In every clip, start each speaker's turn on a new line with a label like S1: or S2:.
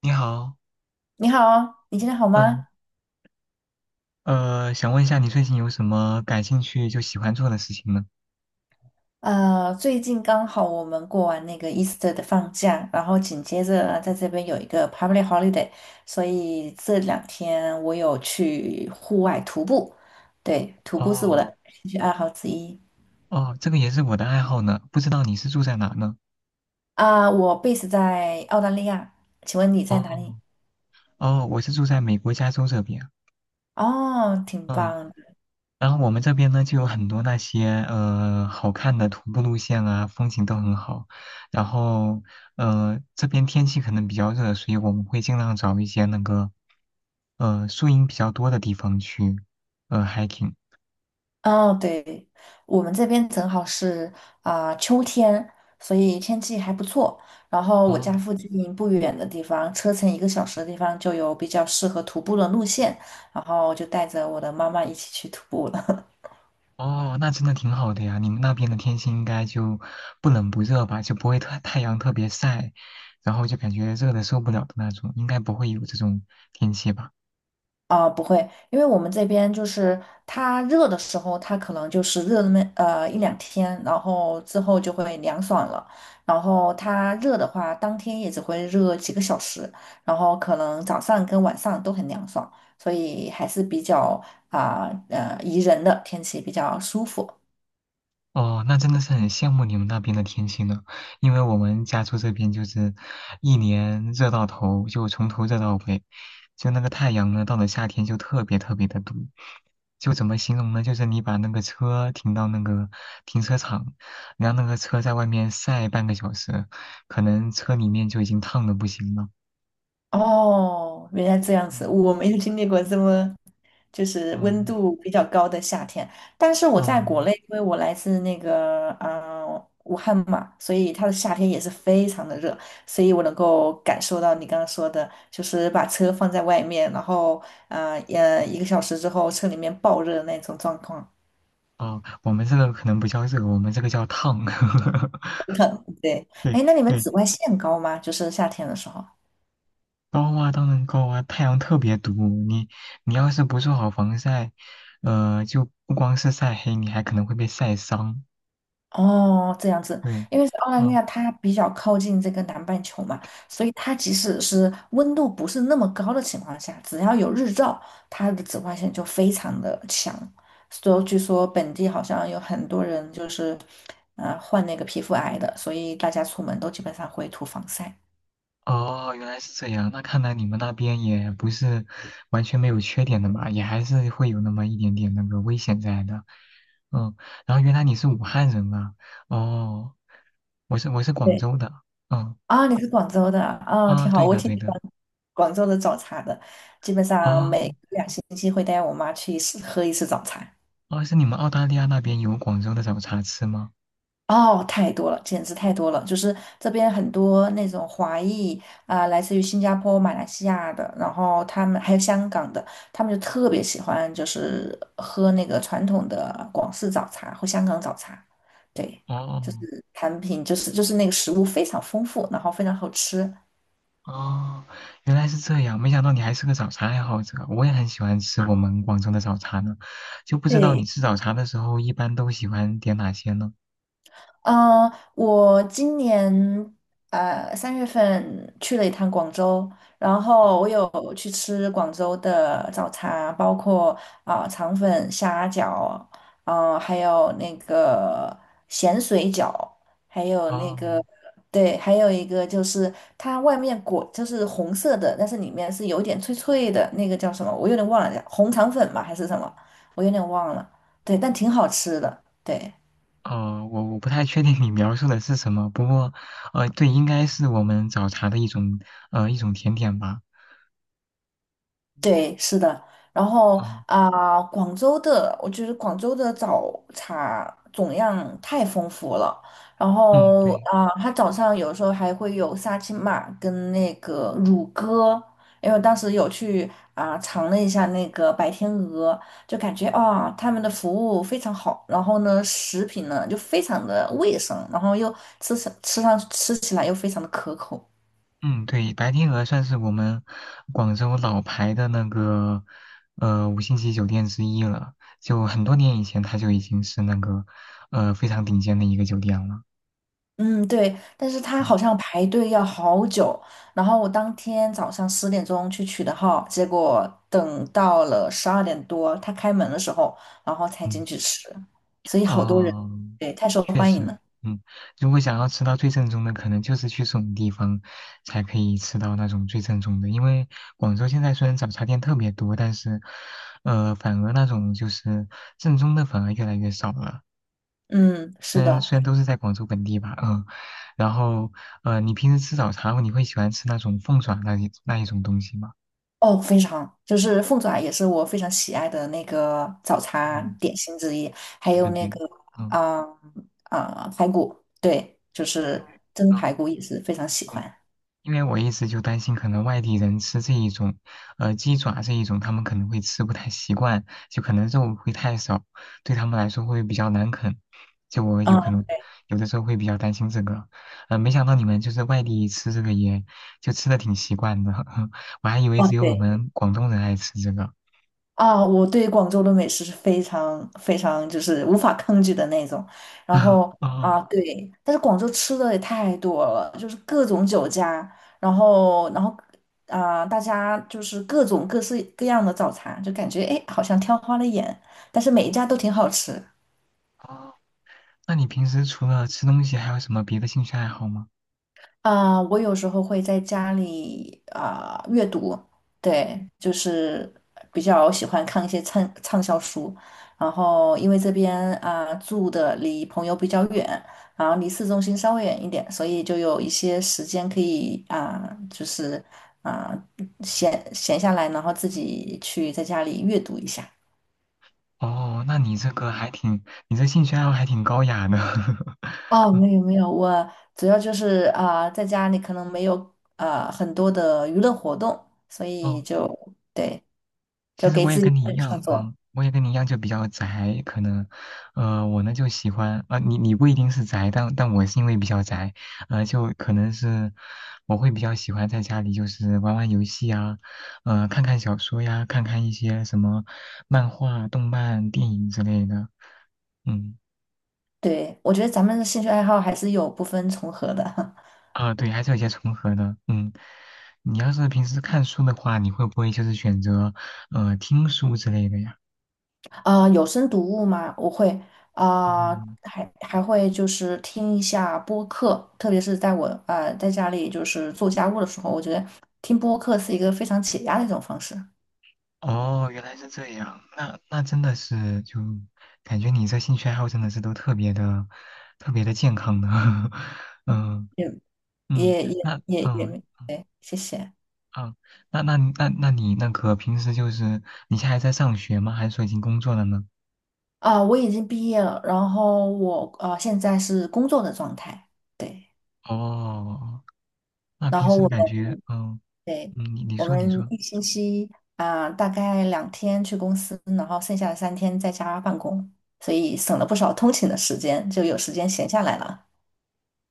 S1: 你好，
S2: 你好哦，你今天好
S1: 嗯，
S2: 吗？
S1: 想问一下你最近有什么感兴趣就喜欢做的事情呢？
S2: 最近刚好我们过完那个 Easter 的放假，然后紧接着呢在这边有一个 public holiday，所以这两天我有去户外徒步。对，徒步是我
S1: 哦，
S2: 的兴趣爱好之一。
S1: 哦，这个也是我的爱好呢，不知道你是住在哪呢？
S2: 我 base 在澳大利亚，请问你在哪里？
S1: 哦，哦，我是住在美国加州这边，
S2: 哦，挺
S1: 嗯，
S2: 棒。
S1: 然后我们这边呢就有很多那些好看的徒步路线啊，风景都很好，然后这边天气可能比较热，所以我们会尽量找一些那个树荫比较多的地方去hiking。
S2: 哦，对，我们这边正好是秋天，所以天气还不错。然后我家
S1: 哦。
S2: 附近不远的地方，车程一个小时的地方就有比较适合徒步的路线，然后就带着我的妈妈一起去徒步了。
S1: 哦，那真的挺好的呀。你们那边的天气应该就不冷不热吧，就不会太阳特别晒，然后就感觉热的受不了的那种，应该不会有这种天气吧？
S2: 不会，因为我们这边就是它热的时候，它可能就是热那么一两天，然后之后就会凉爽了。然后它热的话，当天也只会热几个小时，然后可能早上跟晚上都很凉爽，所以还是比较宜人的天气，比较舒服。
S1: 哦，那真的是很羡慕你们那边的天气呢，因为我们家住这边就是一年热到头，就从头热到尾，就那个太阳呢，到了夏天就特别特别的毒，就怎么形容呢？就是你把那个车停到那个停车场，然后那个车在外面晒半个小时，可能车里面就已经烫的不行了。
S2: 哦，原来这样子，
S1: 嗯
S2: 我没有经历过这么就是温
S1: 嗯
S2: 度比较高的夏天。但是我在国
S1: 嗯
S2: 内，因为我来自那个武汉嘛，所以它的夏天也是非常的热，所以我能够感受到你刚刚说的，就是把车放在外面，然后一个小时之后车里面爆热的那种状况。
S1: 哦，我们这个可能不叫热，我们这个叫烫。
S2: 对，
S1: 对
S2: 哎，那你们
S1: 对，
S2: 紫外线高吗？就是夏天的时候。
S1: 高啊，当然高啊，太阳特别毒。你你要是不做好防晒，就不光是晒黑，你还可能会被晒伤。
S2: 哦，这样子，
S1: 对，
S2: 因为是澳大利
S1: 嗯，
S2: 亚它比较靠近这个南半球嘛，所以它即使是温度不是那么高的情况下，只要有日照，它的紫外线就非常的强。所以据说本地好像有很多人就是，患那个皮肤癌的，所以大家出门都基本上会涂防晒。
S1: 哦，原来是这样。那看来你们那边也不是完全没有缺点的嘛，也还是会有那么一点点那个危险在的。嗯，然后原来你是武汉人啊？哦，我是广
S2: 对，
S1: 州的。嗯
S2: 啊，你是广州的，啊，
S1: 啊，
S2: 挺好，
S1: 对
S2: 我
S1: 的
S2: 挺
S1: 对
S2: 喜
S1: 的。
S2: 欢广州的早茶的，基本上
S1: 哦
S2: 每2星期会带我妈去一次喝一次早茶。
S1: 哦，是你们澳大利亚那边有广州的早茶吃吗？
S2: 哦，太多了，简直太多了！就是这边很多那种华裔来自于新加坡、马来西亚的，然后他们还有香港的，他们就特别喜欢，就是喝那个传统的广式早茶或香港早茶。对，就
S1: 哦。
S2: 是产品，就是那个食物非常丰富，然后非常好吃。
S1: 哦，原来是这样，没想到你还是个早茶爱好者。我也很喜欢吃我们广州的早茶呢，就不知道你
S2: 对，
S1: 吃早茶的时候一般都喜欢点哪些呢？
S2: 嗯，我今年3月份去了一趟广州，然后我有去吃广州的早茶，包括肠粉、虾饺，还有那个咸水饺，还有那
S1: 哦，
S2: 个对，还有一个就是它外面裹就是红色的，但是里面是有点脆脆的，那个叫什么？我有点忘了，红肠粉嘛还是什么？我有点忘了。对，但挺好吃的，对。
S1: 哦，我不太确定你描述的是什么，不过，对，应该是我们早茶的一种，一种甜点吧。
S2: 对，是的。然后
S1: 嗯
S2: 广州的，我觉得广州的早茶种样太丰富了。然
S1: 嗯，
S2: 后
S1: 对。
S2: 它早上有时候还会有沙琪玛跟那个乳鸽，因为我当时有去尝了一下那个白天鹅，就感觉他们的服务非常好。然后呢，食品呢就非常的卫生，然后又吃起来又非常的可口。
S1: 嗯，对，白天鹅算是我们广州老牌的那个五星级酒店之一了，就很多年以前它就已经是那个非常顶尖的一个酒店了。
S2: 嗯，对，但是他好
S1: 嗯
S2: 像排队要好久，然后我当天早上10点钟去取的号，结果等到了12点多，他开门的时候，然后才
S1: 嗯
S2: 进去吃，所以好多人，
S1: 哦，
S2: 对，太受
S1: 确
S2: 欢迎
S1: 实，
S2: 了。
S1: 嗯，如果想要吃到最正宗的，可能就是去这种地方才可以吃到那种最正宗的。因为广州现在虽然早茶店特别多，但是反而那种就是正宗的反而越来越少了。
S2: 嗯，
S1: 虽
S2: 是
S1: 然
S2: 的。
S1: 虽然都是在广州本地吧，嗯，然后你平时吃早茶后你会喜欢吃那种凤爪那一种东西吗？
S2: 哦，非常，就是凤爪也是我非常喜爱的那个早餐
S1: 嗯，
S2: 点心之一，还
S1: 对对
S2: 有那
S1: 对，
S2: 个
S1: 嗯，
S2: 啊排骨，对，就
S1: 因
S2: 是
S1: 为
S2: 蒸
S1: 嗯
S2: 排骨也是非常喜
S1: 对
S2: 欢。
S1: 因为我一直就担心，可能外地人吃这一种，鸡爪这一种，他们可能会吃不太习惯，就可能肉会太少，对他们来说会比较难啃。就我
S2: 嗯，
S1: 有可能
S2: 对。
S1: 有的时候会比较担心这个，没想到你们就是外地吃这个也就吃的挺习惯的，我还以为
S2: 哦，
S1: 只有我
S2: 对。
S1: 们广东人爱吃这个。
S2: 啊，我对广州的美食是非常非常就是无法抗拒的那种。然后
S1: 哦，
S2: 啊，对，但是广州吃的也太多了，就是各种酒家，然后啊，大家就是各种各式各样的早茶，就感觉哎，好像挑花了眼，但是每一家都挺好吃。
S1: 那你平时除了吃东西，还有什么别的兴趣爱好吗？
S2: 啊，我有时候会在家里阅读，对，就是比较喜欢看一些畅销书。然后因为这边住的离朋友比较远，然后离市中心稍微远一点，所以就有一些时间可以就是啊、闲下来，然后自己去在家里阅读一下。
S1: 哦，那你这个还挺，你这兴趣爱好还挺高雅的。
S2: 哦，没有没有，我主要就是在家里可能没有啊很多的娱乐活动，所 以
S1: 哦。
S2: 就对。就
S1: 其实
S2: 给
S1: 我也
S2: 自己
S1: 跟你一
S2: 本创
S1: 样，
S2: 作。
S1: 嗯，我也跟你一样，就比较宅，可能，我呢就喜欢，啊，你不一定是宅，但我是因为比较宅，就可能是我会比较喜欢在家里就是玩玩游戏啊，看看小说呀，看看一些什么漫画、动漫、电影之类的，嗯，
S2: 对，我觉得咱们的兴趣爱好还是有部分重合的。
S1: 啊，对，还是有些重合的，嗯，你要是平时看书的话，你会不会就是选择，听书之类的呀？
S2: 有声读物嘛，我会啊、
S1: 嗯。
S2: 还会就是听一下播客，特别是在我在家里就是做家务的时候，我觉得听播客是一个非常解压的一种方式。
S1: 哦，原来是这样，那那真的是就感觉你这兴趣爱好真的是都特别的、特别的健康呢。嗯
S2: 也
S1: 嗯，
S2: 也也
S1: 那
S2: 也也
S1: 嗯
S2: 没，对，谢谢。
S1: 嗯，那你那个平时就是你现在还在上学吗？还是说已经工作了呢？
S2: 我已经毕业了，然后我现在是工作的状态。对，
S1: 哦，那
S2: 然
S1: 平
S2: 后
S1: 时
S2: 我
S1: 感觉
S2: 们。
S1: 嗯
S2: 对，
S1: 嗯，你你
S2: 我
S1: 说你
S2: 们
S1: 说
S2: 1星期大概两天去公司，然后剩下的3天在家办公，所以省了不少通勤的时间，就有时间闲下来了。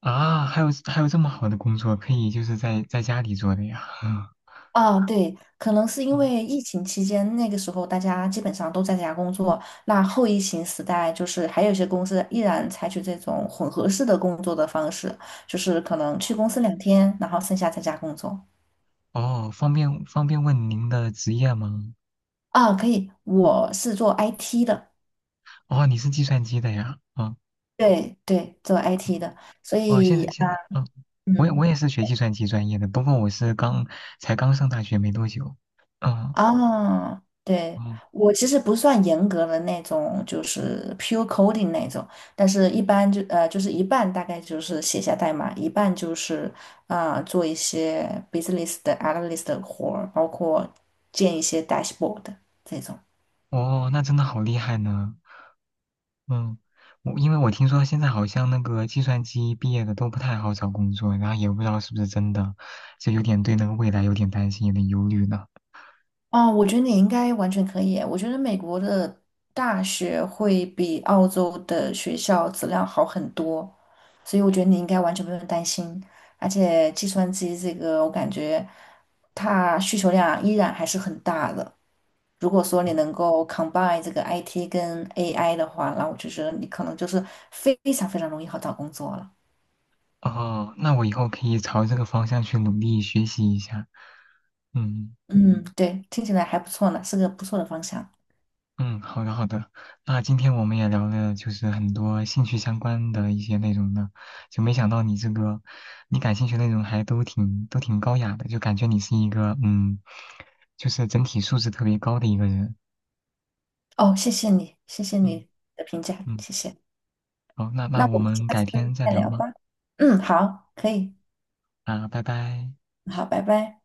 S1: 啊，还有这么好的工作可以就是在家里做的呀，嗯
S2: 啊，对，可能是因
S1: 嗯
S2: 为疫情期间那个时候大家基本上都在家工作，那后疫情时代就是还有一些公司依然采取这种混合式的工作的方式，就是可能去公司两天，然后剩下在家工作。
S1: 哦，方便问您的职业吗？
S2: 啊，可以，我是做 IT 的。
S1: 哦，你是计算机的呀？哦
S2: 对对，做 IT 的。所
S1: 哦，现
S2: 以
S1: 在现
S2: 啊，
S1: 在，嗯，我也我
S2: 嗯，
S1: 也是学计算机专业的，不过我是才刚上大学没多久，嗯，
S2: 对，
S1: 哦
S2: 我其实不算严格的那种，就是 pure coding 那种，但是一般就是一半大概就是写下代码，一半就是做一些 business 的 analyst 的活儿，包括建一些 dashboard 这种。
S1: 哦，那真的好厉害呢，嗯，因为我听说现在好像那个计算机毕业的都不太好找工作，然后也不知道是不是真的，就有点对那个未来有点担心，有点忧虑呢。
S2: 哦，我觉得你应该完全可以。我觉得美国的大学会比澳洲的学校质量好很多，所以我觉得你应该完全不用担心。而且计算机这个，我感觉它需求量依然还是很大的。如果说你能够 combine 这个 IT 跟 AI 的话，那我就觉得你可能就是非常非常容易好找工作了。
S1: 哦，那我以后可以朝这个方向去努力学习一下，嗯。
S2: 嗯，对，听起来还不错呢，是个不错的方向。
S1: 嗯，好的好的，那今天我们也聊了就是很多兴趣相关的一些内容呢，就没想到你这个你感兴趣的内容还都挺高雅的，就感觉你是一个就是整体素质特别高的一个人。
S2: 哦，谢谢你，谢谢
S1: 嗯
S2: 你的评价，
S1: 嗯，
S2: 谢谢。
S1: 好，那
S2: 那
S1: 那我
S2: 我们
S1: 们
S2: 下
S1: 改天
S2: 次
S1: 再
S2: 再
S1: 聊
S2: 聊
S1: 吗？
S2: 吧。嗯，好，可以，
S1: 啊，拜拜。
S2: 好，拜拜。